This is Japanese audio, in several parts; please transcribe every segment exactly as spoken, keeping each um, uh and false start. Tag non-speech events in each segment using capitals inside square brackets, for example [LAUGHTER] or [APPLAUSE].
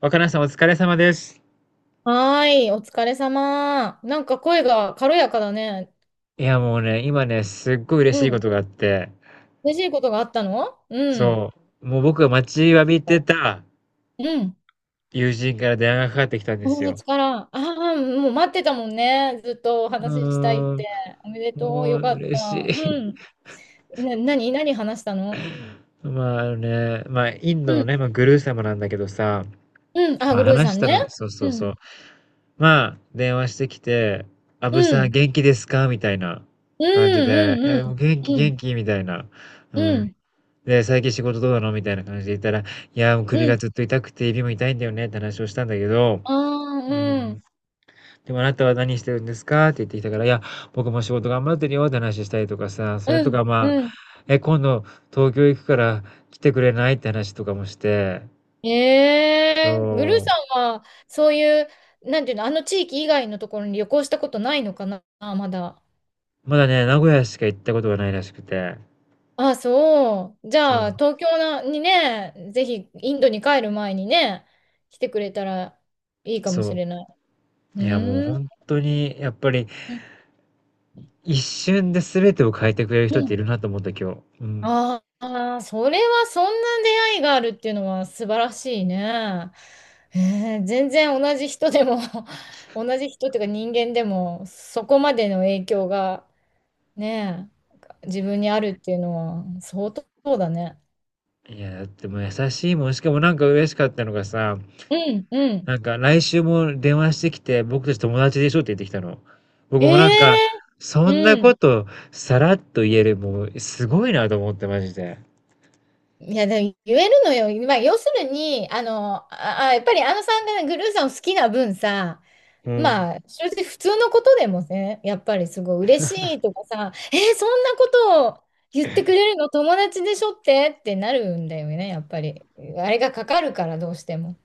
若菜さんお疲れ様です。はーい、お疲れ様。なんか声が軽やかだね。いやもうね、今ね、すっごい嬉うしいこん。とがあって、嬉しいことがあったの？うん。そう、もう僕が待ちわびてたうん。友人から電話がかかってきたんです友よ。月から。ああ、もう待ってたもんね。ずっとおうー話ししたいって。ん、おめでとう。もうよかっ嬉しい。た。うん。な、何、何話したの？ [LAUGHS] まあ、あのね、まあ、インうドのん。ね、まあ、グルー様なんだけどさ、うん。あ、まあ、グルー話さしんたね。のが、そうそううそん。う。まあ、電話してきて、アブうさんん。元気ですかみたいなう感じで、いん。うや、ん。うもうん。元気う元ん。気みたいな。ううん。ん。で、最近仕事どうなのみたいな感じで言ったら、いや、もう首うがん。ずっと痛くて指も痛いんだよねって話をしたんだけど、ああ、ううん、ん。でもあなたは何してるんですかって言ってきたから、いや、僕も仕事頑張ってるよって話したりとかさ、それとうん。かまあ、うん。え、今度東京行くから来てくれないって話とかもして、ええグルーそさんは、そういう、なんていうの、あの地域以外のところに旅行したことないのかな、まだ。う、まだね、名古屋しか行ったことがないらしくて、あ、そう。じそう、ゃあ、東京なにね、ぜひ、インドに帰る前にね、来てくれたらいいかもしそれない。うう、いや、もうーん。本当にやっぱり一瞬で全てを変えてくれる人っうていん。るなと思った今日。うん。ああ、それはそんな出会いがあるっていうのは素晴らしいね。えー全然同じ人でも [LAUGHS] 同じ人っていうか人間でもそこまでの影響がね、え、自分にあるっていうのは相当だね。いや、だってもう優しいもん、しかもなんか嬉しかったのがさ、うん、うん。なんか「来週も電話してきて、僕たち友達でしょ」って言ってきたの。僕もなんか、ええ、そんなうこん。とさらっと言える、もうすごいなと思って、マジで。いや、でも言えるのよ。まあ、要するに、あの、あ、あやっぱりあのさんがねグルーさんを好きな分さ、うん。まあ、正直普通のことでもね、やっぱりすごい嬉しいとかさ、えーそんなことを言ってくれるの友達でしょってってなるんだよね、やっぱり。あれがかかるから、どうしても。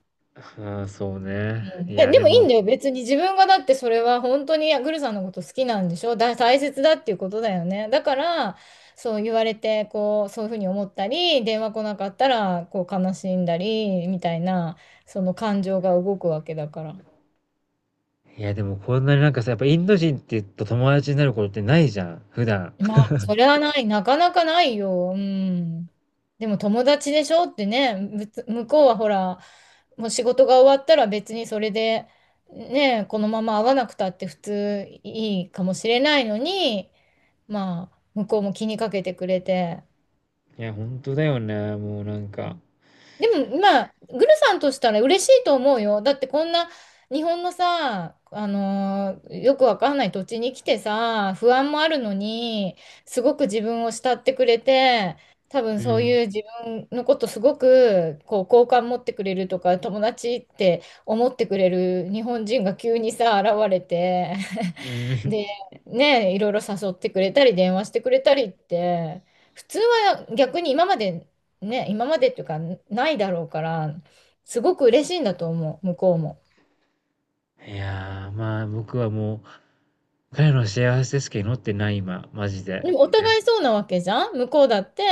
ああ、そうね。ういん、で、や、ででもいもいんだよ。別に自分がだってそれは本当にグルさんのこと好きなんでしょだ、大切だっていうことだよね。だから、そう言われて、こう、そういうふうに思ったり、電話来なかったら、こう、悲しんだり、みたいな、その感情が動くわけだから。いや、でもこんなになんかさ、やっぱインド人ってと友達になることってないじゃん、普段。まあ、それはない。なかなかないよ。うん。でも友達でしょってね、むつ向こうはほら、もう仕事が終わったら別にそれで、ね、このまま会わなくたって普通いいかもしれないのに、まあ、向こうも気にかけてくれて、いや、ほんとだよね、もうなんか。でも、まあ、グルさんとしたら嬉しいと思うよ。だってこんな日本のさ、あのーよくわかんない土地に来てさ、不安もあるのに、すごく自分を慕ってくれて、多分うそうん。いう自分のことすごくこう好感持ってくれるとか、友達って思ってくれる日本人が急にさ、現れて、う [LAUGHS] ん。で、ね、いろいろ誘ってくれたり、電話してくれたりって、普通は逆に今までね、今までっていうか、ないだろうから、すごく嬉しいんだと思う、向こうも。いやー、まあ、僕はもう、彼の幸せですけど祈ってない、今、マジでで。もお互いそうなわけじゃん向こうだって、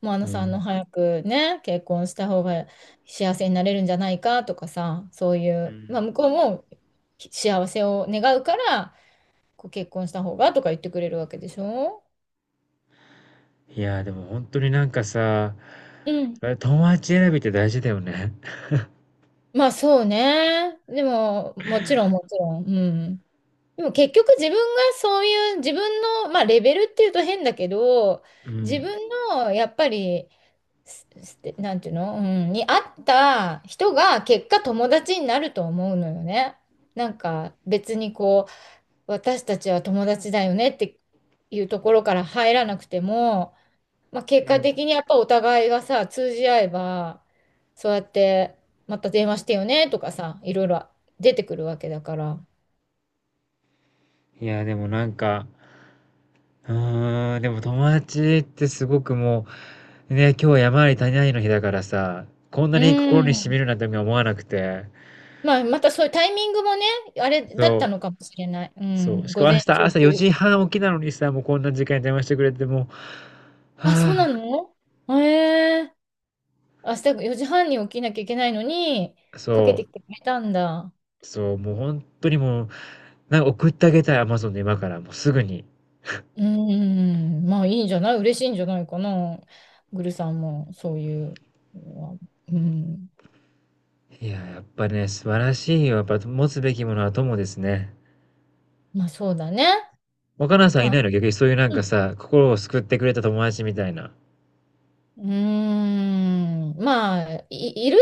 もうあうのさんのん。早くね、結婚した方が幸せになれるんじゃないかとかさ、そういうう、まあん。向こうも幸せを願うから、こう結婚した方がとか言ってくれるわけでしょ？いやー、でも本当になんかさ、うん。友達選びって大事だよね。まあそうね。でも、もちろんもちろん。うん。でも結局自分がそういう自分の、まあ、レベルっていうと変だけどう自ん。分のやっぱりすすなんていうの、うん、に合った人が結果友達になると思うのよね。なんか別にこう私たちは友達だよねっていうところから入らなくても、まあ、結う果ん。的にやっぱお互いがさ通じ合えばそうやってまた電話してよねとかさいろいろ出てくるわけだから。いやー、でもなんか、うーん、でも友達ってすごくもう、ね、今日山あり谷ありの日だからさ、こんなうに心に染みん。るなんて思わなくて。まあ、またそういうタイミングもね、あれだっそたのかもしれない。うう、そう。ん、しか午も明前日中朝という。よじはん起きなのにさ、もうこんな時間に電話してくれてもう、あ、そうなはあ。の？ええ、明日よじはんに起きなきゃいけないのに、かけそてきてくれたんだ。う、そう、もう本当にもう、なんか送ってあげたい、アマゾンで今から、もうすぐに。うん、まあいいんじゃない？嬉しいんじゃないかな。グルさんも、そういう。うん、いや、やっぱね、素晴らしいよ。やっぱ持つべきものは友ですね。まあそうだね。若菜さんいまあ、ないの？逆にそういうなんうかん。さ、心を救ってくれた友達みたいな。うーん、まあ、い、いる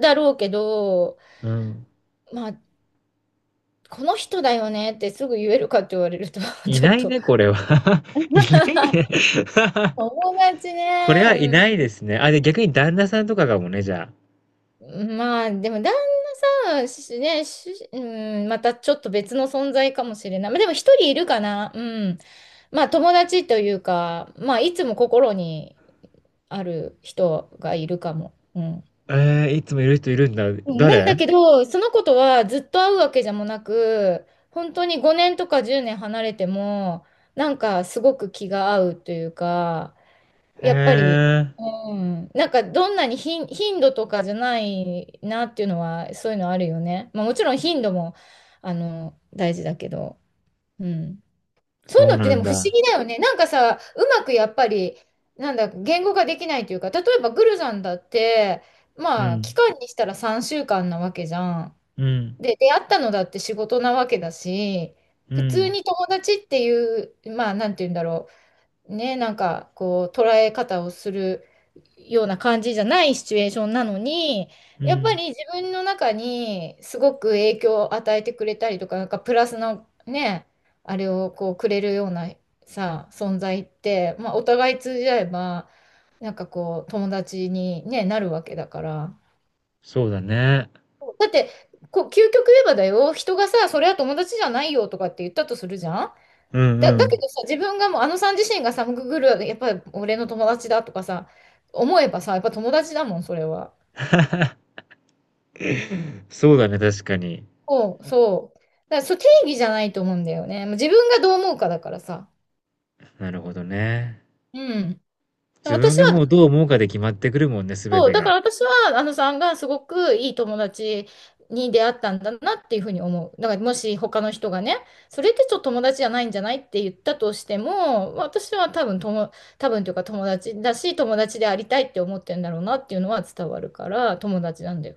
だろうけど、うん。まあ、この人だよねってすぐ言えるかって言われると [LAUGHS] いちょなっいと ね、これは。[LAUGHS] いないね。[LAUGHS] 友達 [LAUGHS] これはいね、ないですね。あ、で、逆に旦那さんとかかもね、じゃうん、まあでも旦那さん、しね、し、うん、またちょっと別の存在かもしれない。まあでも一人いるかな、うん。まあ友達というか、まあいつも心にある人がいるかも。うん。あ。えーいつもいる人いるんだ。うん。なんだ誰？けど、その子とはずっと会うわけじゃもなく、本当にごねんとかじゅうねん離れても、なんかすごく気が合うというか、へやっぱり、え、うん、なんかどんなに頻、頻度とかじゃないなっていうのは、そういうのあるよね。まあ、もちろん頻度も、あの、大事だけど、うん。そういそううのってなでんも不思だ。議だよね。なんかさ、うまくやっぱり、なんだ、言語化できないというか、例えばグルさんだって、うまあ、期ん、間にしたらさんしゅうかんなわけじゃん。うん、で、出会ったのだって仕事なわけだし、う普通ん、に友達っていう、まあ、なんて言うんだろう。ね、なんかこう捉え方をするような感じじゃないシチュエーションなのに、うやっぱん、り自分の中にすごく影響を与えてくれたりとか、なんかプラスのね、あれをこうくれるようなさ、存在って、まあ、お互い通じ合えば、なんかこう友達に、ね、なるわけだから。そうだね。だってこう究極言えばだよ、人がさ、それは友達じゃないよとかって言ったとするじゃん。うんだ、うだけん。どさ、自分がもう、あのさん自身がさ、グーグル、やっぱり俺の友達だとかさ、思えばさ、やっぱ友達だもん、それは。そうだね、確かに。そう、そう。だから、そう、定義じゃないと思うんだよね。もう自分がどう思うかだからさ。なるほどね。うん。自私分がもうは、どう思うかで決まってくるもんね、すべそう、てだが。から私は、あのさんがすごくいい友達に出会ったんだなっていうふうに思う。だからもし他の人がね、それってちょっと友達じゃないんじゃないって言ったとしても、私は多分友、多分というか友達だし、友達でありたいって思ってるんだろうなっていうのは伝わるから、友達なんだよ。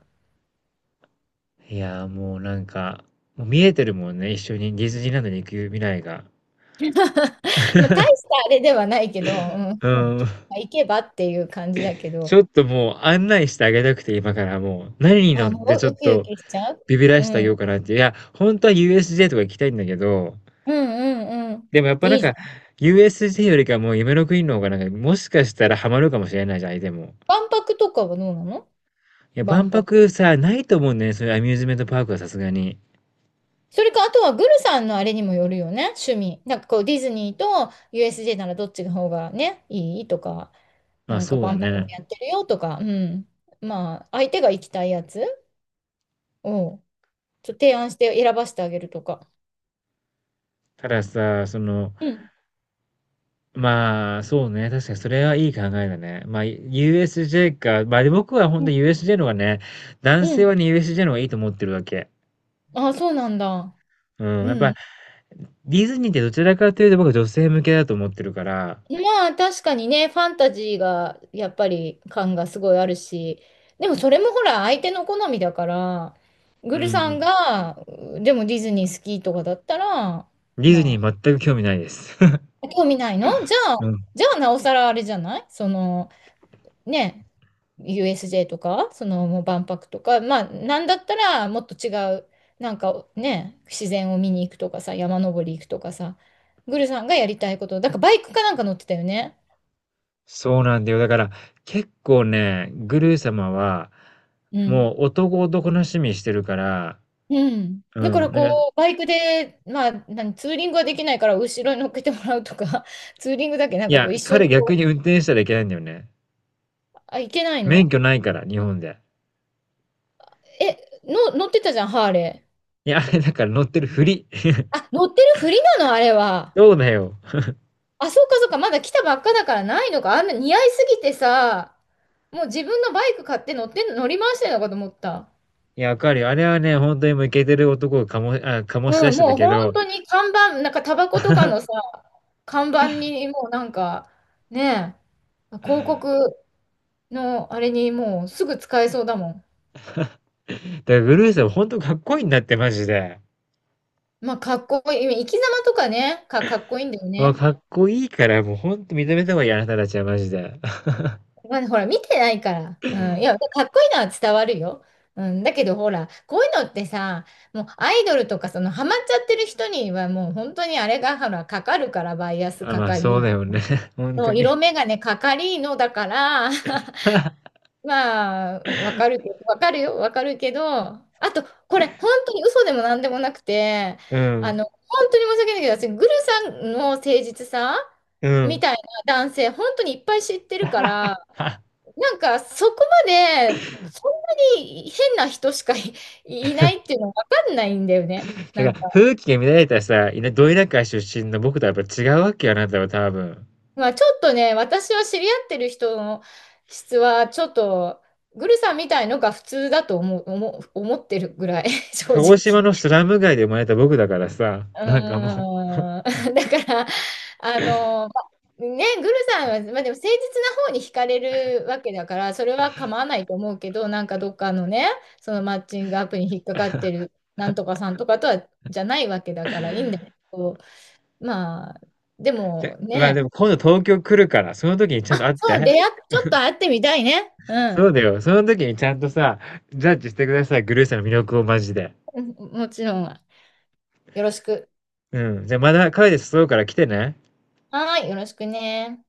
いやー、もうなんか、もう見えてるもんね、一緒にディズニーランドに行く未来が。[LAUGHS] まあ、大したあれではないけど、うん、うまーん。あ行けばっていう感じだけちょど、っともう案内してあげたくて、今からもう、何に乗あ、っもてちょうっウキウとキしちゃう。ビビらうしてあげよん。うかなっていや、本当は ユーエスジェー とか行きたいんだけど、うん、うん、うん。でもやっぱないんいじか、ゃん。ユーエスジェー よりかもう夢の国の方がなんか、もしかしたらハマるかもしれないじゃん、相手も。万博とかはどうなの？いや、万万博。博さ、ないと思うんだよね、そういうアミューズメントパークはさすがに。それか、あとはグルさんのあれにもよるよね、趣味。なんかこう、ディズニーと ユーエスジェー ならどっちの方がね、いいとか、まなあ、んかそうだ万博もね。やってるよとか、うん。まあ、相手が行きたいやつを、ちょっと提案して選ばせてあげるとか。たださ、その、うん。まあ、そうね。確かにそれはいい考えだね。まあ、ユーエスジェー か。まあ、で僕は本う当 ん。ユーエスジェー の方がね、男う性はん。ね、ユーエスジェー の方がいいと思ってるわけ。ああ、そうなんだ。うん。うやっぱ、ん。ディズニーってどちらかというと僕は女性向けだと思ってるから、まあ、確かにね、ファンタジーが、やっぱり感がすごいあるし、でもそれもほら、相手の好みだから、うグんうルさんん。が、うでもディズニー好きとかだったら、ディズニまあ、ー全く興味ないです。[LAUGHS] 興味ないの？じゃうあ、ん。じゃあなおさらあれじゃないその、ね、ユーエスジェー とか、そのもう万博とか、まあ、なんだったらもっと違う、なんかね、自然を見に行くとかさ、山登り行くとかさ、グルさんがやりたいこと、だからバイクかなんか乗ってたよね。そうなんだよ。だから、結構ね、グルー様は、うん。もう男男の趣味してるから、うん。うだかん。らこなんか、う、バイクで、まあ、何、ツーリングはできないから後ろに乗っけてもらうとか、[LAUGHS] ツーリングだけないんかこや、う一緒に彼逆こう、に運転したらいけないんだよね。あ、行けない免の？許ないから、日本で。え、の、乗ってたじゃん、ハーレいや、[LAUGHS] あれだから乗ってるふり。[LAUGHS] ー。あ、乗ってるふりなの、あれは。そうだよ。あ、そうかそうか、まだ来たばっかだからないのか。あんな似合いすぎてさ、もう自分のバイク買って乗ってん乗り回してるのかと思った。いや、わかるよ。あれはね、本当にもうイケてる男をかも、あ、醸し出うん、してたもうけ本ど、だ当に看板、なんかタバコとかのさ、看板にもうなんか、ねえ、広告のあれにもうすぐ使えそうだもん。からグルーさん本当かっこいいんだって、マジで。まあ、かっこいい。生き様とかね、か、かっこいいんだよもうね。かっこいいから、もう本当認めた方がいい、あなたたちはマジで。[LAUGHS] まあ、ほら、見てないから。うん。いや、かっこいいのは伝わるよ。うん。だけど、ほら、こういうのってさ、もうアイドルとか、その、ハマっちゃってる人には、もう本当にあれが、ほら、かかるから、バイアスあ、かまあかそうり、だよね。[LAUGHS] 本そ当うに。色眼鏡かかりのだから、[LAUGHS] まあ、わかるけど、わかるよ、わかるけど、あと、これ、本当に嘘でもなんでもなくて、うあん。の、本当に申し訳ないけど、私、グルさんの誠実さうみん。たいな男性、本当にいっぱい知ってるから、[LAUGHS] なんかそこまでそんなに変な人しかい、いないっていうのわかんないんだよね。だかなら、んか、風紀が乱れたさ、いなど田出身の僕とはやっぱ違うわけよ、あなたは多分。まあちょっとね、私は知り合ってる人の質はちょっとグルさんみたいのが普通だと思う、思う、思ってるぐらい、[LAUGHS] 正鹿児島直。のスラム街で生まれた僕だからさ、うなんかもう、ーん。[LAUGHS] だから、あの、まね、グルさんは、まあ、でも誠実な方に惹かれるわけだから、それは構わないと思うけど、なんかどっかのね、そのマッチングアプリに引っかかってるなんとかさんとかとは、じゃないわけだからいいんだけど、まあ、でえもまあね、でも今度東京来るから、その時にちゃんあ、と会っそう、出て。会っ、ちょっと会ってみたいね。うそん。うだよ。その時にちゃんとさ、ジャッジしてください。グルーさんの魅力をマジで。うん、もちろん。よろしく。うん。じゃあまだカフェで誘うから来てね。はーい、よろしくね。